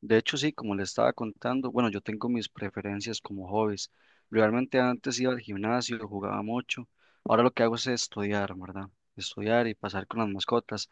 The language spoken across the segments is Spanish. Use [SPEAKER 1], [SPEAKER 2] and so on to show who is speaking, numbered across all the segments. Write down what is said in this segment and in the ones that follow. [SPEAKER 1] De hecho, sí, como le estaba contando, bueno, yo tengo mis preferencias como hobbies. Realmente antes iba al gimnasio, jugaba mucho. Ahora lo que hago es estudiar, ¿verdad? Estudiar y pasar con las mascotas.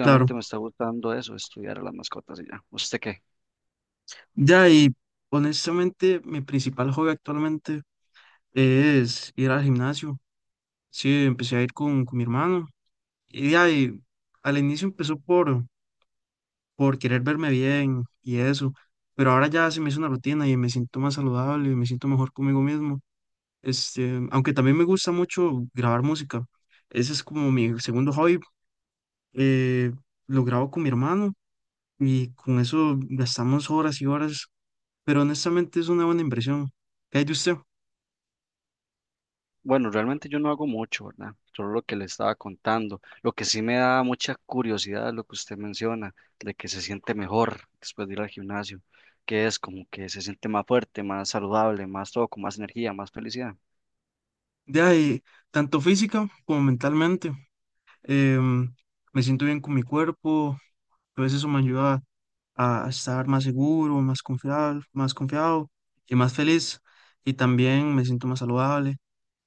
[SPEAKER 2] Claro,
[SPEAKER 1] me está gustando eso, estudiar a las mascotas y ya. ¿Usted qué?
[SPEAKER 2] ya y honestamente mi principal hobby actualmente es ir al gimnasio. Sí, empecé a ir con mi hermano y ya y al inicio empezó por querer verme bien y eso, pero ahora ya se me hizo una rutina y me siento más saludable y me siento mejor conmigo mismo. Este, aunque también me gusta mucho grabar música. Ese es como mi segundo hobby. eh, lo grabo con mi hermano y con eso gastamos horas y horas, pero honestamente es una buena inversión. ¿Qué hay de usted?
[SPEAKER 1] Bueno, realmente yo no hago mucho, ¿verdad? Solo lo que le estaba contando. Lo que sí me da mucha curiosidad es lo que usted menciona, de que se siente mejor después de ir al gimnasio, que es como que se siente más fuerte, más saludable, más todo, con más energía, más felicidad.
[SPEAKER 2] De ahí, tanto física como mentalmente. Em, Me siento bien con mi cuerpo, pues eso me ayuda a estar más seguro, más confiado y más feliz. Y también me siento más saludable,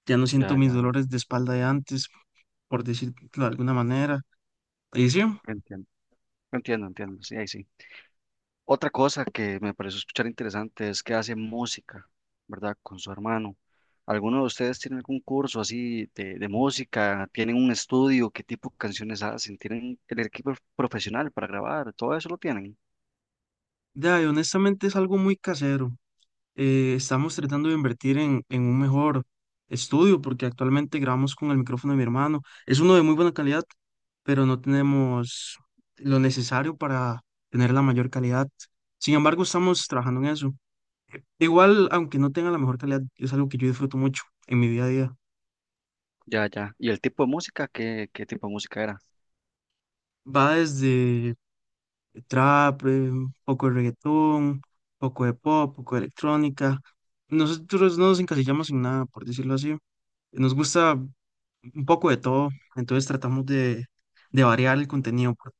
[SPEAKER 2] ya no siento
[SPEAKER 1] Ya,
[SPEAKER 2] mis
[SPEAKER 1] ya.
[SPEAKER 2] dolores de espalda de antes, por decirlo de alguna manera. Y sí,
[SPEAKER 1] Entiendo, entiendo, entiendo, sí, ahí sí. Otra cosa que me pareció escuchar interesante es que hace música, ¿verdad? Con su hermano. ¿Alguno de ustedes tiene algún curso así de música? ¿Tienen un estudio? ¿Qué tipo de canciones hacen? ¿Tienen el equipo profesional para grabar? ¿Todo eso lo tienen?
[SPEAKER 2] de ahí, honestamente es algo muy casero. Estamos tratando de invertir en un mejor estudio porque actualmente grabamos con el micrófono de mi hermano. Es uno de muy buena calidad, pero no tenemos lo necesario para tener la mayor calidad. Sin embargo, estamos trabajando en eso. Igual, aunque no tenga la mejor calidad, es algo que yo disfruto mucho en mi día a día.
[SPEAKER 1] Ya, ya. ¿Y el tipo de música? ¿Qué, qué tipo de música era?
[SPEAKER 2] Va desde trap, poco de reggaetón, poco de pop, poco de electrónica. Nosotros no nos encasillamos en nada, por decirlo así. Nos gusta un poco de todo, entonces tratamos de variar el contenido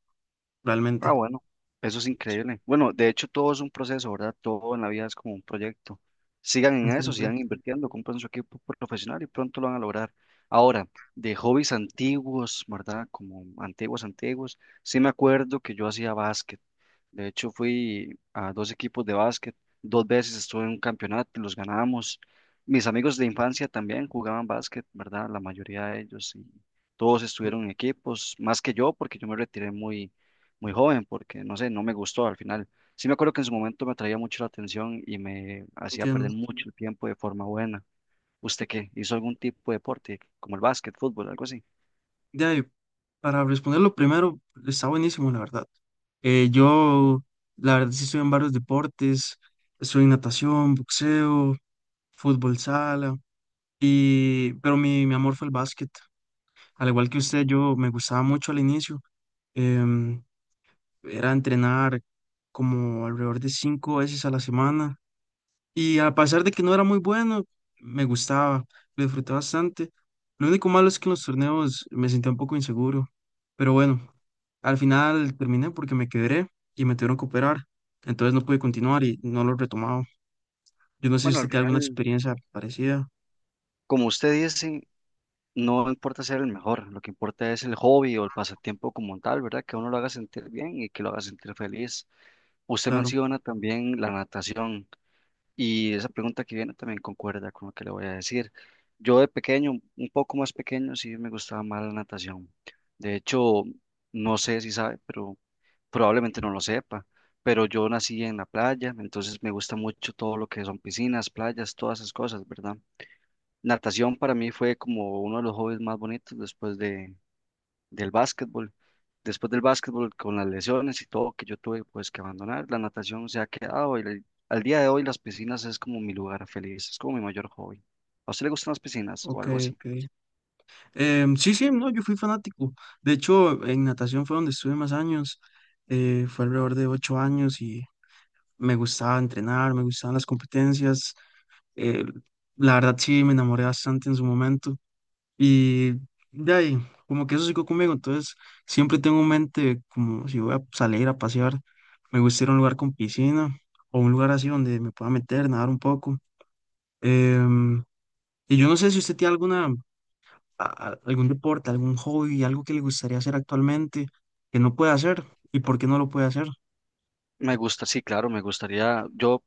[SPEAKER 1] Ah,
[SPEAKER 2] realmente.
[SPEAKER 1] bueno, eso es increíble. Bueno, de hecho todo es un proceso, ¿verdad? Todo en la vida es como un proyecto. Sigan en eso,
[SPEAKER 2] Entiendo,
[SPEAKER 1] sigan invirtiendo, compren su equipo profesional y pronto lo van a lograr. Ahora, de hobbies antiguos, ¿verdad? Como antiguos, antiguos. Sí me acuerdo que yo hacía básquet. De hecho, fui a dos equipos de básquet, dos veces estuve en un campeonato y los ganamos. Mis amigos de infancia también jugaban básquet, ¿verdad? La mayoría de ellos y todos
[SPEAKER 2] en-
[SPEAKER 1] estuvieron en equipos, más que yo, porque yo me retiré muy, muy joven, porque no sé, no me gustó al final. Sí me acuerdo que en su momento me atraía mucho la atención y me hacía perder
[SPEAKER 2] entiendo.
[SPEAKER 1] mucho el tiempo de forma buena. ¿Usted qué? ¿Hizo algún tipo de deporte, como el básquet, fútbol, algo así?
[SPEAKER 2] De ahí, para responderlo primero, está buenísimo, la verdad. Yo, la verdad, sí estoy en varios deportes, estoy en natación, boxeo, fútbol sala, y, pero mi amor fue el básquet. Al igual que usted, yo me gustaba mucho al inicio. em, Era entrenar como alrededor de 5 veces a la semana. Y a pesar de que no era muy bueno, me gustaba, lo disfruté bastante. Lo único malo es que en los torneos me sentía un poco inseguro. Pero bueno, al final terminé porque me quebré y me tuvieron que operar. Entonces no pude continuar y no lo he retomado. Yo no sé si
[SPEAKER 1] Bueno,
[SPEAKER 2] usted
[SPEAKER 1] al
[SPEAKER 2] tiene alguna
[SPEAKER 1] final,
[SPEAKER 2] experiencia parecida.
[SPEAKER 1] como usted dice, no importa ser el mejor, lo que importa es el hobby o el pasatiempo como tal, ¿verdad? Que uno lo haga sentir bien y que lo haga sentir feliz. Usted
[SPEAKER 2] Claro,
[SPEAKER 1] menciona también la natación y esa pregunta que viene también concuerda con lo que le voy a decir. Yo de pequeño, un poco más pequeño, sí me gustaba más la natación. De hecho, no sé si sabe, pero probablemente no lo sepa, pero yo nací en la playa, entonces me gusta mucho todo lo que son piscinas, playas, todas esas cosas, ¿verdad? Natación para mí fue como uno de los hobbies más bonitos después de, del básquetbol. Después del básquetbol, con las lesiones y todo que yo tuve, pues que abandonar, la natación se ha quedado y al día de hoy las piscinas es como mi lugar feliz, es como mi mayor hobby. ¿A usted le gustan las piscinas o
[SPEAKER 2] ok,
[SPEAKER 1] algo así?
[SPEAKER 2] ok. Sí, sí, no, yo fui fanático. De hecho, en natación fue donde estuve más años. Fue alrededor de 8 años y me gustaba entrenar, me gustaban las competencias. eh, la verdad sí me enamoré bastante en su momento y de ahí, como que eso siguió conmigo, entonces siempre tengo en mente como si voy a salir a pasear, me gusta ir a un lugar con piscina o un lugar así donde me pueda meter, nadar un poco. Em, y yo no sé si usted tiene alguna, algún deporte, algún hobby, algo que le gustaría hacer actualmente que no puede hacer y por qué no lo puede hacer.
[SPEAKER 1] Me gusta, sí, claro, me gustaría, yo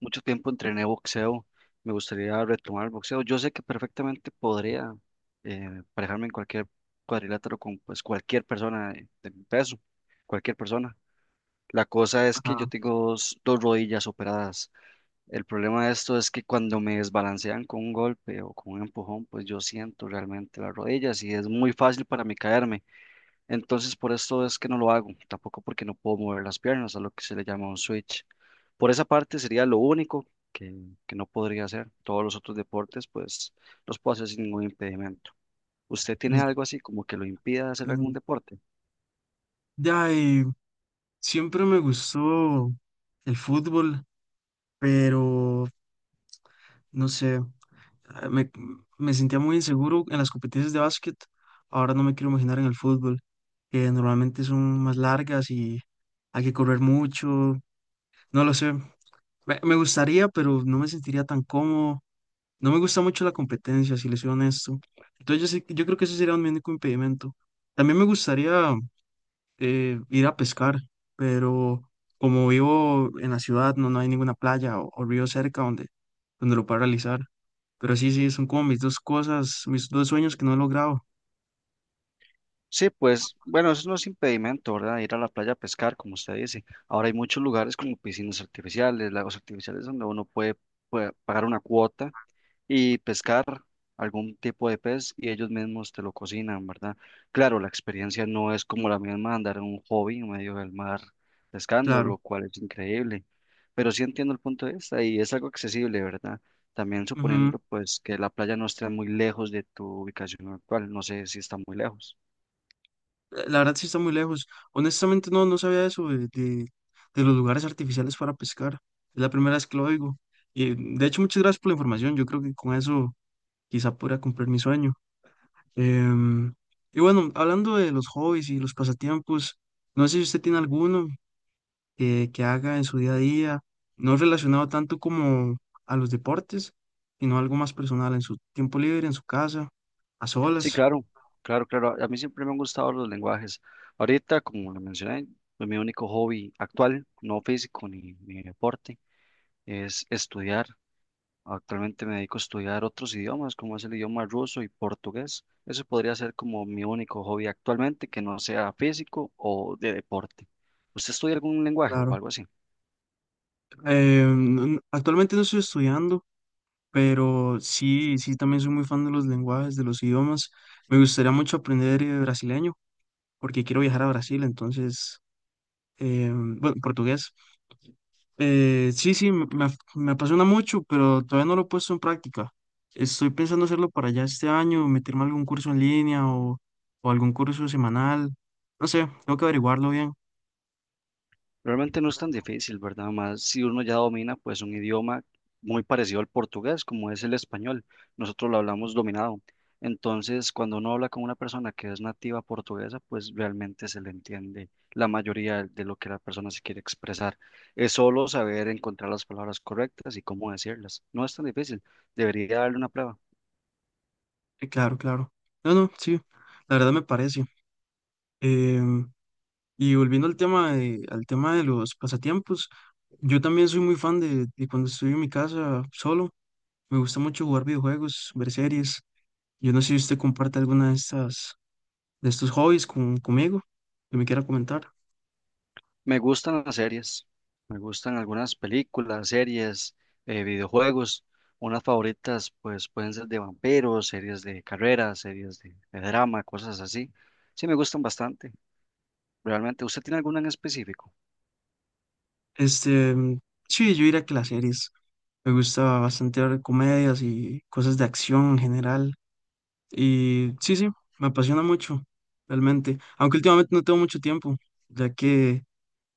[SPEAKER 1] mucho tiempo entrené boxeo, me gustaría retomar el boxeo. Yo sé que perfectamente podría parejarme en cualquier cuadrilátero con pues cualquier persona de mi peso, cualquier persona. La cosa es que yo
[SPEAKER 2] Ajá.
[SPEAKER 1] tengo dos rodillas operadas. El problema de esto es que cuando me desbalancean con un golpe o con un empujón, pues yo siento realmente las rodillas y es muy fácil para mí caerme. Entonces por esto es que no lo hago, tampoco porque no puedo mover las piernas, a lo que se le llama un switch. Por esa parte sería lo único que, que no podría hacer. Todos los otros deportes, pues los puedo hacer sin ningún impedimento. ¿Usted tiene
[SPEAKER 2] En-
[SPEAKER 1] algo así como que lo impida hacer algún
[SPEAKER 2] en-
[SPEAKER 1] deporte?
[SPEAKER 2] De ahí, siempre me gustó el fútbol, pero no sé, ah, me, me sentía muy inseguro en las competencias de básquet. Ahora no me quiero imaginar en el fútbol, que normalmente son más largas y hay que correr mucho. No lo sé. Me gustaría, pero no me sentiría tan cómodo. No me gusta mucho la competencia, si les soy honesto. Entonces yo, yo creo que ese sería un único impedimento. También me gustaría ir a pescar, pero como vivo en la ciudad, no hay ninguna playa o río cerca donde, donde lo pueda realizar. Pero sí, sí, son como mis dos cosas, mis dos sueños que no he logrado,
[SPEAKER 1] Sí, pues bueno, eso no es impedimento, ¿verdad? Ir a la playa a pescar, como usted dice. Ahora hay muchos lugares como piscinas artificiales, lagos artificiales, donde uno puede, puede pagar una cuota y pescar algún tipo de pez y ellos mismos te lo cocinan, ¿verdad? Claro, la experiencia no es como la misma andar en un hobby en medio del mar pescando,
[SPEAKER 2] claro.
[SPEAKER 1] lo cual es increíble. Pero sí entiendo el punto de vista y es algo accesible, ¿verdad? También
[SPEAKER 2] Ujú.
[SPEAKER 1] suponiendo pues que la playa no esté muy lejos de tu ubicación actual, no sé si está muy lejos.
[SPEAKER 2] La verdad sí está muy lejos. Honestamente no, no sabía eso de los lugares artificiales para pescar. Es la primera vez que lo oigo. Y de hecho, muchas gracias por la información. Yo creo que con eso quizá pueda cumplir mi sueño. Em, y bueno, hablando de los hobbies y los pasatiempos, no sé si usted tiene alguno que haga en su día a día, no relacionado tanto como a los deportes, sino algo más personal en su tiempo libre, en su casa, a
[SPEAKER 1] Sí,
[SPEAKER 2] solas,
[SPEAKER 1] claro, claro, claro. A mí siempre me han gustado los lenguajes. Ahorita, como le mencioné, pues, mi único hobby actual, no físico ni deporte, es estudiar. Actualmente me dedico a estudiar otros idiomas, como es el idioma ruso y portugués. Eso podría ser como mi único hobby actualmente, que no sea físico o de deporte. ¿Usted estudia algún lenguaje o
[SPEAKER 2] claro.
[SPEAKER 1] algo así?
[SPEAKER 2] Actualmente no estoy estudiando, pero sí, sí, también soy muy fan de los lenguajes, de los idiomas. Me gustaría mucho aprender brasileño, porque quiero viajar a Brasil, entonces, bueno, portugués. Sí, sí, me apasiona mucho, pero todavía no lo he puesto en práctica. Estoy pensando hacerlo para ya este año, meterme a algún curso en línea o algún curso semanal. No sé, tengo que averiguarlo bien.
[SPEAKER 1] Realmente no es tan difícil, ¿verdad? Más si uno ya domina pues un idioma muy parecido al portugués, como es el español. Nosotros lo hablamos dominado. Entonces, cuando uno habla con una persona que es nativa portuguesa, pues realmente se le entiende la mayoría de lo que la persona se quiere expresar. Es solo saber encontrar las palabras correctas y cómo decirlas. No es tan difícil. Debería darle una prueba.
[SPEAKER 2] Claro, claro. No, no, sí, la verdad me parece. Em, y volviendo al tema de los pasatiempos, yo también soy muy fan de cuando estoy en mi casa solo. Me gusta mucho jugar videojuegos, ver series. Yo no sé si usted comparte alguna de estas de estos hobbies conmigo, que me quiera comentar.
[SPEAKER 1] Me gustan las series, me gustan algunas películas, series, videojuegos. Unas favoritas pues pueden ser de vampiros, series de carreras, series de drama, cosas así. Sí, me gustan bastante, realmente. ¿Usted tiene alguna en específico?
[SPEAKER 2] Este, sí, yo diría que las series. Me gusta bastante ver comedias y cosas de acción en general. Y sí, sí, me apasiona mucho, realmente. Aunque últimamente no tengo mucho tiempo, ya que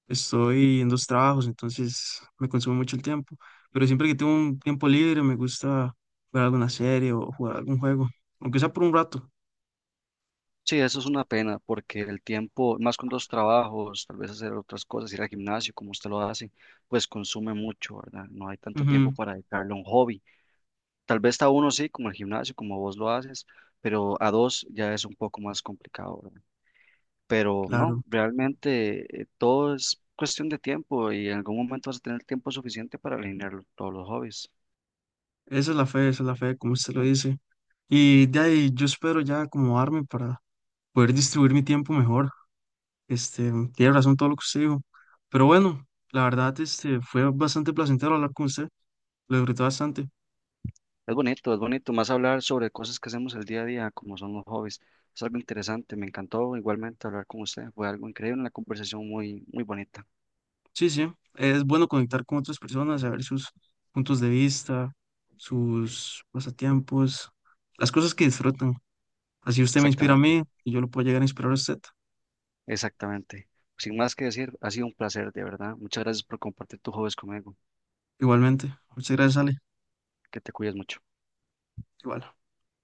[SPEAKER 2] estoy en dos trabajos, entonces me consume mucho el tiempo. Pero siempre que tengo un tiempo libre, me gusta ver alguna serie o jugar algún juego, aunque sea por un rato.
[SPEAKER 1] Sí, eso es una pena porque el tiempo, más con dos trabajos, tal vez hacer otras cosas, ir al gimnasio como usted lo hace, pues consume mucho, ¿verdad? No hay tanto tiempo
[SPEAKER 2] Ujú,
[SPEAKER 1] para dedicarle a un hobby. Tal vez a uno sí, como el gimnasio, como vos lo haces, pero a dos ya es un poco más complicado, ¿verdad? Pero no,
[SPEAKER 2] claro,
[SPEAKER 1] realmente todo es cuestión de tiempo y en algún momento vas a tener tiempo suficiente para alinear todos los hobbies.
[SPEAKER 2] esa es la fe, esa es la fe, como usted lo dice. Y de ahí yo espero ya acomodarme para poder distribuir mi tiempo mejor. Este, tiene razón todo lo que usted dijo. Pero bueno, la verdad, este, fue bastante placentero hablar con usted. Lo disfruté bastante.
[SPEAKER 1] Es bonito más hablar sobre cosas que hacemos el día a día, como son los hobbies. Es algo interesante, me encantó igualmente hablar con usted, fue algo increíble, una conversación muy, muy bonita.
[SPEAKER 2] Sí, sí, es bueno conectar con otras personas, saber sus puntos de vista, sus pasatiempos, las cosas que disfrutan. Así usted me inspira a
[SPEAKER 1] Exactamente,
[SPEAKER 2] mí y yo lo puedo llegar a inspirar a usted.
[SPEAKER 1] exactamente. Sin más que decir, ha sido un placer, de verdad. Muchas gracias por compartir tus hobbies conmigo.
[SPEAKER 2] Igualmente. Muchas gracias, Ale.
[SPEAKER 1] Que te cuides mucho.
[SPEAKER 2] Igual.